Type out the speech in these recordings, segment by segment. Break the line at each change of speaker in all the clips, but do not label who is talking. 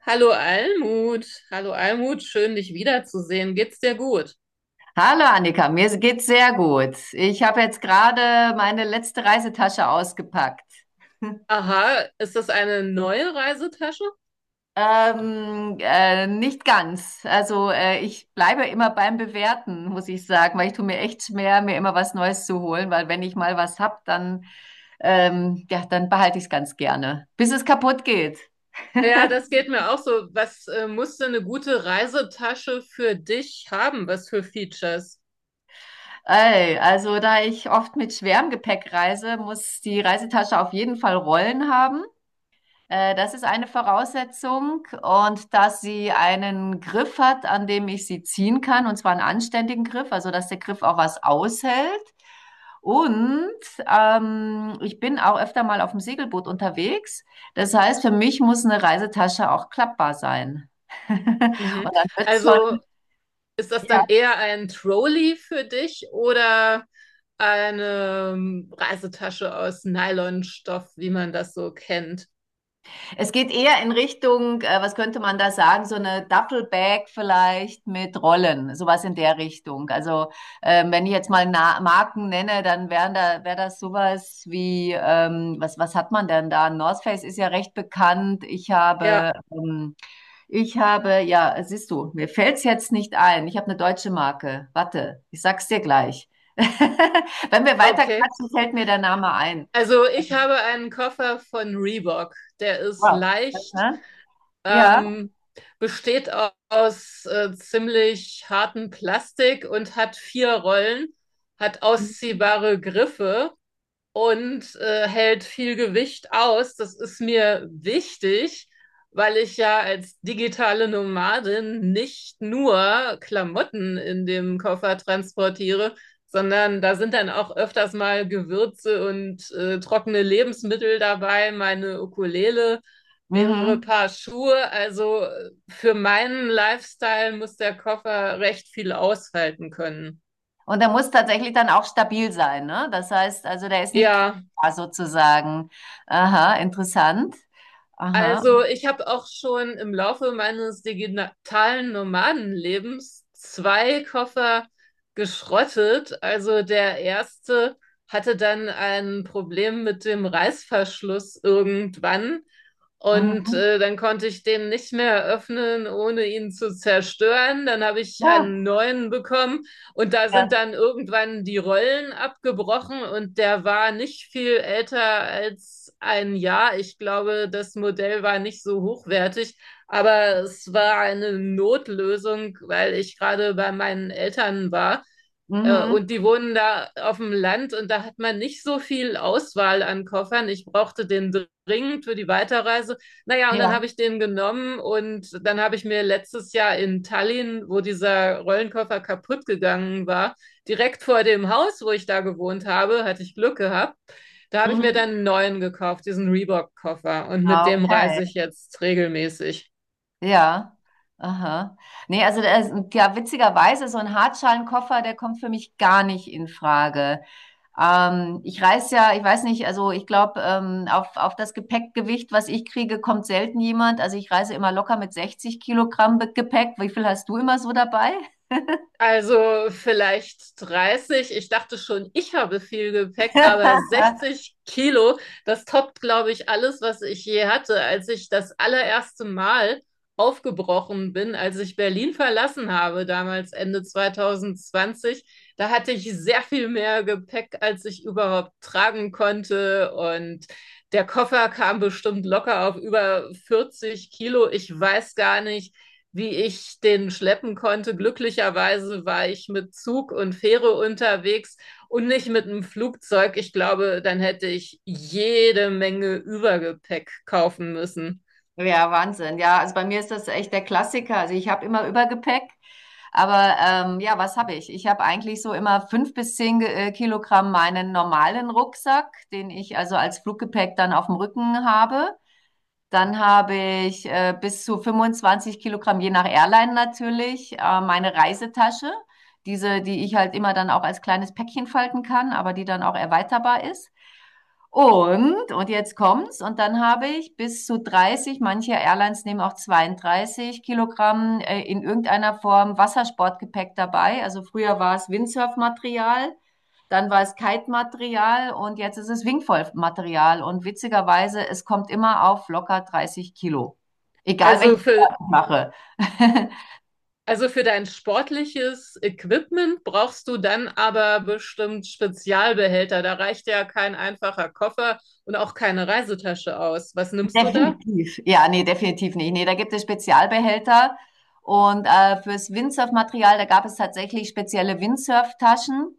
Hallo Almut, schön dich wiederzusehen. Geht's dir gut?
Hallo Annika, mir geht's sehr gut. Ich habe jetzt gerade meine letzte Reisetasche ausgepackt.
Aha, ist das eine neue Reisetasche?
Nicht ganz. Ich bleibe immer beim Bewerten, muss ich sagen, weil ich tue mir echt schwer, mir immer was Neues zu holen, weil wenn ich mal was hab, dann ja, dann behalte ich es ganz gerne, bis es kaputt geht.
Ja, das geht mir auch so. Was musst du eine gute Reisetasche für dich haben? Was für Features?
Ey, also da ich oft mit schwerem Gepäck reise, muss die Reisetasche auf jeden Fall Rollen haben. Das ist eine Voraussetzung, und dass sie einen Griff hat, an dem ich sie ziehen kann, und zwar einen anständigen Griff, also dass der Griff auch was aushält. Und ich bin auch öfter mal auf dem Segelboot unterwegs. Das heißt, für mich muss eine Reisetasche auch klappbar sein. Und
Mhm.
dann wird es
Also
schon,
ist das
ja,
dann eher ein Trolley für dich oder eine Reisetasche aus Nylonstoff, wie man das so kennt?
es geht eher in Richtung, was könnte man da sagen, so eine Duffelbag vielleicht mit Rollen, sowas in der Richtung. Also wenn ich jetzt mal Na Marken nenne, dann wäre das sowas wie, was hat man denn da? North Face ist ja recht bekannt.
Ja,
Ich habe, ja, siehst du, mir fällt's jetzt nicht ein. Ich habe eine deutsche Marke. Warte, ich sag's dir gleich. Wenn wir weiter
okay.
quatschen, fällt mir der Name ein.
Also ich habe einen Koffer von Reebok. Der ist
Wow.
leicht.
Ne? Ja.
Ähm, besteht aus ziemlich hartem Plastik und hat vier Rollen, hat ausziehbare Griffe und hält viel Gewicht aus. Das ist mir wichtig, weil ich ja als digitale Nomadin nicht nur Klamotten in dem Koffer transportiere, sondern da sind dann auch öfters mal Gewürze und trockene Lebensmittel dabei, meine Ukulele, mehrere
Mhm.
Paar Schuhe. Also für meinen Lifestyle muss der Koffer recht viel aushalten können.
Und der muss tatsächlich dann auch stabil sein, ne? Das heißt, also der ist nicht
Ja,
quer sozusagen. Aha, interessant. Aha.
also ich habe auch schon im Laufe meines digitalen Nomadenlebens zwei Koffer geschrottet. Also der erste hatte dann ein Problem mit dem Reißverschluss irgendwann und
Mhm.
dann konnte ich den nicht mehr öffnen, ohne ihn zu zerstören. Dann habe ich
Ja,
einen neuen bekommen. Und da sind
ja.
dann irgendwann die Rollen abgebrochen und der war nicht viel älter als ein Jahr. Ich glaube, das Modell war nicht so hochwertig, aber es war eine Notlösung, weil ich gerade bei meinen Eltern war, äh,
Mhm.
Und die wohnen da auf dem Land und da hat man nicht so viel Auswahl an Koffern. Ich brauchte den dringend für die Weiterreise. Naja, und dann habe
Ja.
ich den genommen und dann habe ich mir letztes Jahr in Tallinn, wo dieser Rollenkoffer kaputt gegangen war, direkt vor dem Haus, wo ich da gewohnt habe, hatte ich Glück gehabt. Da habe ich mir
Mhm.
dann einen neuen gekauft, diesen Reebok-Koffer. Und mit dem
Okay.
reise ich jetzt regelmäßig.
Ja, aha. Nee, also da ist, ja, witzigerweise, so ein Hartschalenkoffer, der kommt für mich gar nicht in Frage. Ich reise ja, ich weiß nicht, also ich glaube, auf das Gepäckgewicht, was ich kriege, kommt selten jemand. Also ich reise immer locker mit 60 Kilogramm Be- Gepäck. Wie viel hast du immer so dabei?
Also vielleicht 30. Ich dachte schon, ich habe viel Gepäck, aber 60 Kilo, das toppt, glaube ich, alles, was ich je hatte, als ich das allererste Mal aufgebrochen bin, als ich Berlin verlassen habe, damals Ende 2020. Da hatte ich sehr viel mehr Gepäck, als ich überhaupt tragen konnte. Und der Koffer kam bestimmt locker auf über 40 Kilo. Ich weiß gar nicht, wie ich den schleppen konnte. Glücklicherweise war ich mit Zug und Fähre unterwegs und nicht mit einem Flugzeug. Ich glaube, dann hätte ich jede Menge Übergepäck kaufen müssen.
Ja, Wahnsinn. Ja, also bei mir ist das echt der Klassiker. Also ich habe immer Übergepäck, aber ja, was habe ich? Ich habe eigentlich so immer 5 bis 10 Ge- Kilogramm meinen normalen Rucksack, den ich also als Fluggepäck dann auf dem Rücken habe. Dann habe ich bis zu 25 Kilogramm, je nach Airline natürlich, meine Reisetasche. Diese, die ich halt immer dann auch als kleines Päckchen falten kann, aber die dann auch erweiterbar ist. Und jetzt kommt's, und dann habe ich bis zu 30, manche Airlines nehmen auch 32 Kilogramm in irgendeiner Form Wassersportgepäck dabei. Also früher war es Windsurfmaterial, dann war es Kite-Material und jetzt ist es Wingfoil-Material. Und witzigerweise, es kommt immer auf locker 30 Kilo. Egal welchen
Also
Sport
für,
ich mache.
also für dein sportliches Equipment brauchst du dann aber bestimmt Spezialbehälter. Da reicht ja kein einfacher Koffer und auch keine Reisetasche aus. Was nimmst du da?
Definitiv. Ja, nee, definitiv nicht. Nee, da gibt es Spezialbehälter. Und fürs Windsurf-Material, da gab es tatsächlich spezielle Windsurf-Taschen.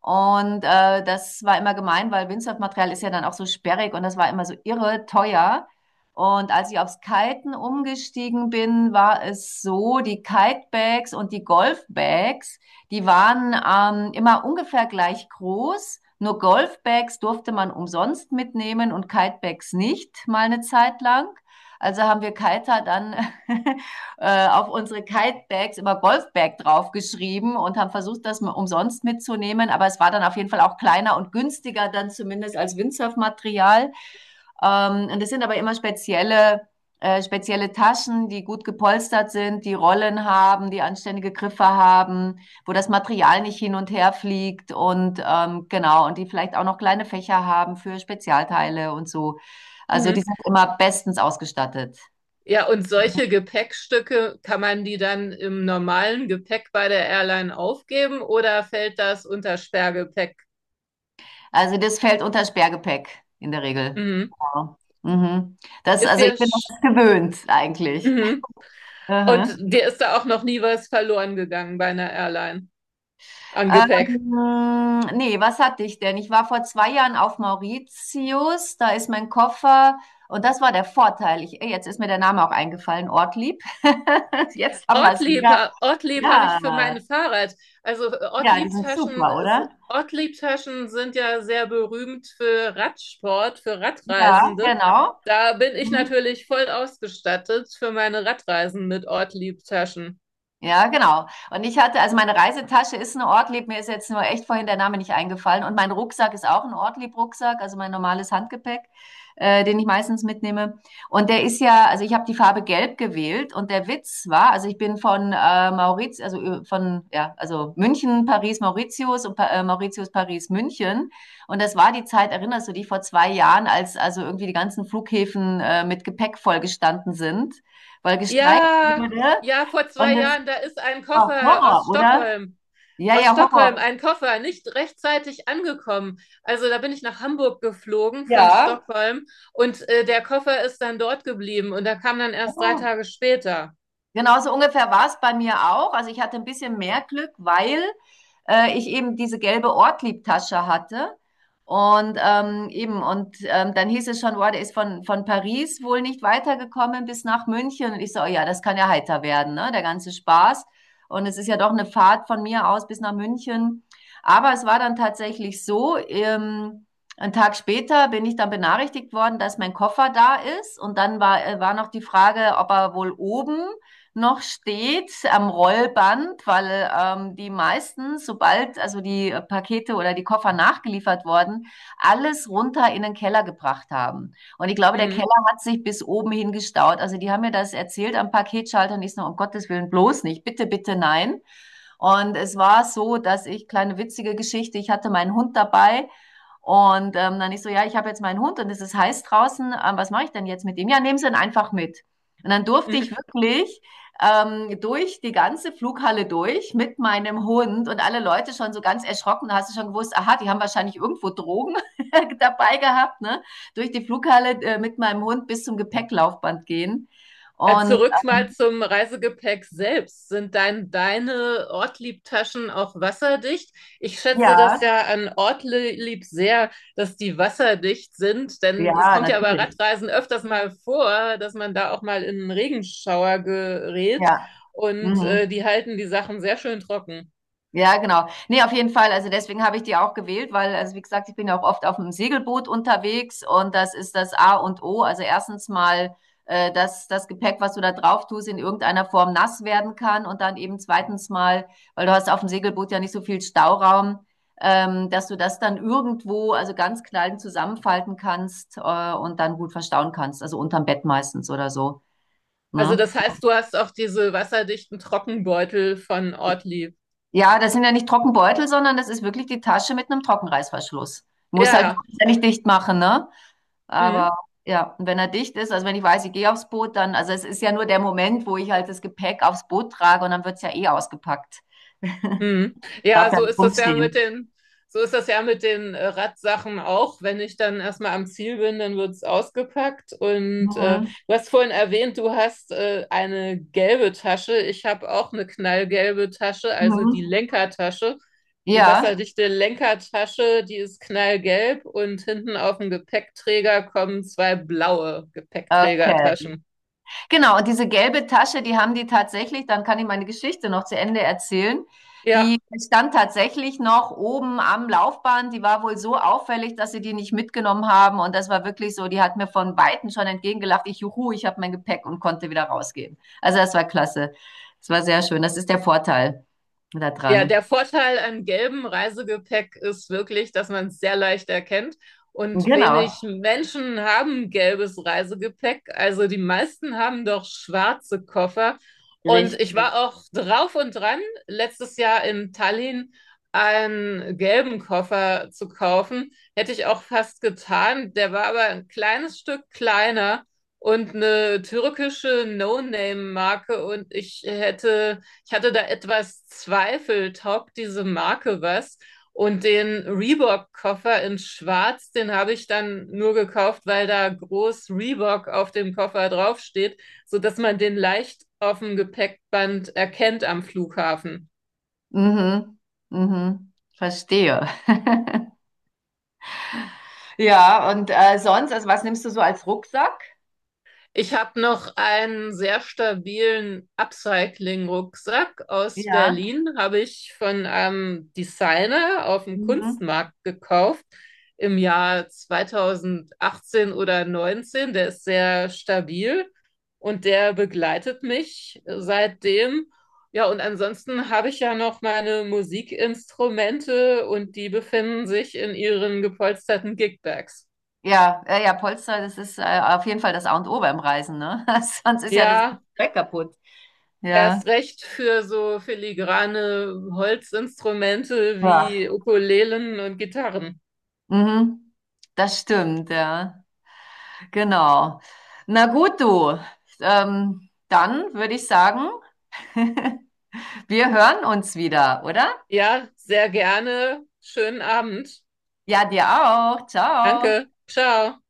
Und das war immer gemein, weil Windsurfmaterial ist ja dann auch so sperrig und das war immer so irre teuer. Und als ich aufs Kiten umgestiegen bin, war es so, die Kitebags und die Golfbags, die waren immer ungefähr gleich groß. Nur Golfbags durfte man umsonst mitnehmen und Kitebags nicht, mal eine Zeit lang. Also haben wir Kiter dann auf unsere Kitebags immer Golfbag draufgeschrieben und haben versucht, das mal umsonst mitzunehmen. Aber es war dann auf jeden Fall auch kleiner und günstiger dann zumindest als Windsurfmaterial. Und es sind aber immer spezielle Taschen, die gut gepolstert sind, die Rollen haben, die anständige Griffe haben, wo das Material nicht hin und her fliegt, und genau, und die vielleicht auch noch kleine Fächer haben für Spezialteile und so. Also die
Mhm.
sind immer bestens ausgestattet.
Ja, und solche Gepäckstücke, kann man die dann im normalen Gepäck bei der Airline aufgeben oder fällt das unter Sperrgepäck?
Also das fällt unter Sperrgepäck in der Regel.
Mhm.
Ja. Mhm. Das,
Ist
also ich
dir,
bin das
sch-
gewöhnt eigentlich.
mhm. Und
Aha.
dir ist da auch noch nie was verloren gegangen bei einer Airline an Gepäck?
Nee, was hatte ich denn? Ich war vor 2 Jahren auf Mauritius, da ist mein Koffer, und das war der Vorteil. Ich, ey, jetzt ist mir der Name auch eingefallen, Ortlieb. Jetzt haben wir es
Ortlieb,
wieder.
Ortlieb habe ich für
Ja,
mein Fahrrad. Also
ja, die sind
Ortlieb-Taschen,
super, oder?
Ortlieb-Taschen sind ja sehr berühmt für Radsport, für
Ja,
Radreisende.
genau.
Da bin ich
Mhm.
natürlich voll ausgestattet für meine Radreisen mit Ortlieb-Taschen.
Ja, genau. Und ich hatte, also meine Reisetasche ist eine Ortlieb, mir ist jetzt nur echt vorhin der Name nicht eingefallen. Und mein Rucksack ist auch ein Ortlieb-Rucksack, also mein normales Handgepäck, den ich meistens mitnehme. Und der ist ja, also ich habe die Farbe Gelb gewählt und der Witz war, also ich bin von Mauritius, also ja, also München, Paris, Mauritius und pa Mauritius, Paris, München. Und das war die Zeit, erinnerst du dich, vor 2 Jahren, als also irgendwie die ganzen Flughäfen mit Gepäck vollgestanden sind, weil gestreikt
Ja,
wurde.
ja, vor
Und
zwei
das
Jahren, da ist ein
Ah,
Koffer
Horror, oder? Ja,
Aus
ja,
Stockholm,
Horror.
ein Koffer, nicht rechtzeitig angekommen. Also da bin ich nach Hamburg geflogen von
Ja.
Stockholm und der Koffer ist dann dort geblieben und da kam dann erst drei
Horror.
Tage später.
Genauso ungefähr war es bei mir auch. Also ich hatte ein bisschen mehr Glück, weil ich eben diese gelbe Ortliebtasche hatte. Und eben, und dann hieß es schon, boah, der ist von Paris wohl nicht weitergekommen bis nach München. Und ich so, oh ja, das kann ja heiter werden, ne? Der ganze Spaß. Und es ist ja doch eine Fahrt von mir aus bis nach München. Aber es war dann tatsächlich so, 1 Tag später bin ich dann benachrichtigt worden, dass mein Koffer da ist. Und dann war, war noch die Frage, ob er wohl oben noch steht am Rollband, weil die meisten, sobald also die Pakete oder die Koffer nachgeliefert wurden, alles runter in den Keller gebracht haben. Und ich glaube, der Keller
Mhm.
hat sich bis oben hin gestaut. Also die haben mir das erzählt am Paketschalter und ich so, um Gottes Willen, bloß nicht, bitte, bitte, nein. Und es war so, dass ich, kleine witzige Geschichte, ich hatte meinen Hund dabei. Und dann ich so, ja, ich habe jetzt meinen Hund und es ist heiß draußen. Was mache ich denn jetzt mit ihm? Ja, nehmen Sie ihn einfach mit. Und dann durfte ich
Mhm.
wirklich durch die ganze Flughalle durch mit meinem Hund und alle Leute schon so ganz erschrocken. Da hast du schon gewusst, aha, die haben wahrscheinlich irgendwo Drogen dabei gehabt, ne? Durch die Flughalle mit meinem Hund bis zum Gepäcklaufband gehen.
Ja,
Und
zurück mal zum Reisegepäck selbst. Deine Ortlieb-Taschen auch wasserdicht? Ich schätze das
ja,
ja an Ortlieb sehr, dass die wasserdicht sind, denn es
ja,
kommt ja bei
natürlich.
Radreisen öfters mal vor, dass man da auch mal in einen Regenschauer gerät
Ja.
und
Mhm.
die halten die Sachen sehr schön trocken.
Ja, genau. Ne, auf jeden Fall. Also deswegen habe ich die auch gewählt, weil, also wie gesagt, ich bin ja auch oft auf dem Segelboot unterwegs und das ist das A und O. Also erstens mal, dass das Gepäck, was du da drauf tust, in irgendeiner Form nass werden kann, und dann eben zweitens mal, weil du hast auf dem Segelboot ja nicht so viel Stauraum, dass du das dann irgendwo, also ganz klein zusammenfalten kannst, und dann gut verstauen kannst. Also unterm Bett meistens oder so.
Also
Ne?
das heißt, du hast auch diese wasserdichten Trockenbeutel von Ortlieb.
Ja, das sind ja nicht Trockenbeutel, sondern das ist wirklich die Tasche mit einem Trockenreißverschluss. Muss
Ja,
halt
ja.
nicht dicht machen, ne?
Mhm.
Aber ja, und wenn er dicht ist, also wenn ich weiß, ich gehe aufs Boot, dann, also es ist ja nur der Moment, wo ich halt das Gepäck aufs Boot trage und dann wird's ja eh ausgepackt.
Mhm. Ja,
Darf ja
so
nicht
ist das ja mit
rumstehen.
den, so ist das ja mit den Radsachen auch. Wenn ich dann erstmal am Ziel bin, dann wird's ausgepackt. Und
Mhm.
du hast vorhin erwähnt, du hast eine gelbe Tasche. Ich habe auch eine knallgelbe Tasche, also die
Mhm.
Lenkertasche. Die
Ja,
wasserdichte Lenkertasche, die ist knallgelb und hinten auf dem Gepäckträger kommen zwei blaue
okay.
Gepäckträgertaschen.
Genau, und diese gelbe Tasche, die haben die tatsächlich, dann kann ich meine Geschichte noch zu Ende erzählen.
Ja.
Die stand tatsächlich noch oben am Laufband. Die war wohl so auffällig, dass sie die nicht mitgenommen haben. Und das war wirklich so, die hat mir von Weitem schon entgegengelacht. Ich, juhu, ich habe mein Gepäck und konnte wieder rausgehen. Also das war klasse. Das war sehr schön. Das ist der Vorteil
Ja,
daran.
der Vorteil an gelbem Reisegepäck ist wirklich, dass man es sehr leicht erkennt. Und
Genau,
wenig Menschen haben gelbes Reisegepäck. Also die meisten haben doch schwarze Koffer. Und ich
richtig.
war auch drauf und dran, letztes Jahr in Tallinn einen gelben Koffer zu kaufen. Hätte ich auch fast getan. Der war aber ein kleines Stück kleiner und eine türkische No-Name-Marke. Und ich hatte da etwas Zweifel, taugt diese Marke was? Und den Reebok-Koffer in Schwarz, den habe ich dann nur gekauft, weil da groß Reebok auf dem Koffer draufsteht, sodass man den leicht auf dem Gepäckband erkennt am Flughafen.
Mhm, mhm, verstehe. Ja, und sonst, also was nimmst du so als Rucksack?
Ich habe noch einen sehr stabilen Upcycling-Rucksack aus
Ja.
Berlin, habe ich von einem Designer auf dem
Mhm.
Kunstmarkt gekauft im Jahr 2018 oder 19. Der ist sehr stabil und der begleitet mich seitdem. Ja, und ansonsten habe ich ja noch meine Musikinstrumente und die befinden sich in ihren gepolsterten Gigbags.
Ja, ja, ja, Polster, das ist auf jeden Fall das A und O beim Reisen, ne? Sonst ist ja das
Ja,
ganze Zeug kaputt. Ja.
erst recht für so filigrane Holzinstrumente
Ja.
wie Ukulelen und Gitarren.
Mhm. Das stimmt, ja. Genau. Na gut, du. Dann würde ich sagen, wir hören uns wieder, oder?
Ja, sehr gerne. Schönen Abend.
Ja, dir auch. Ciao.
Danke. Ciao.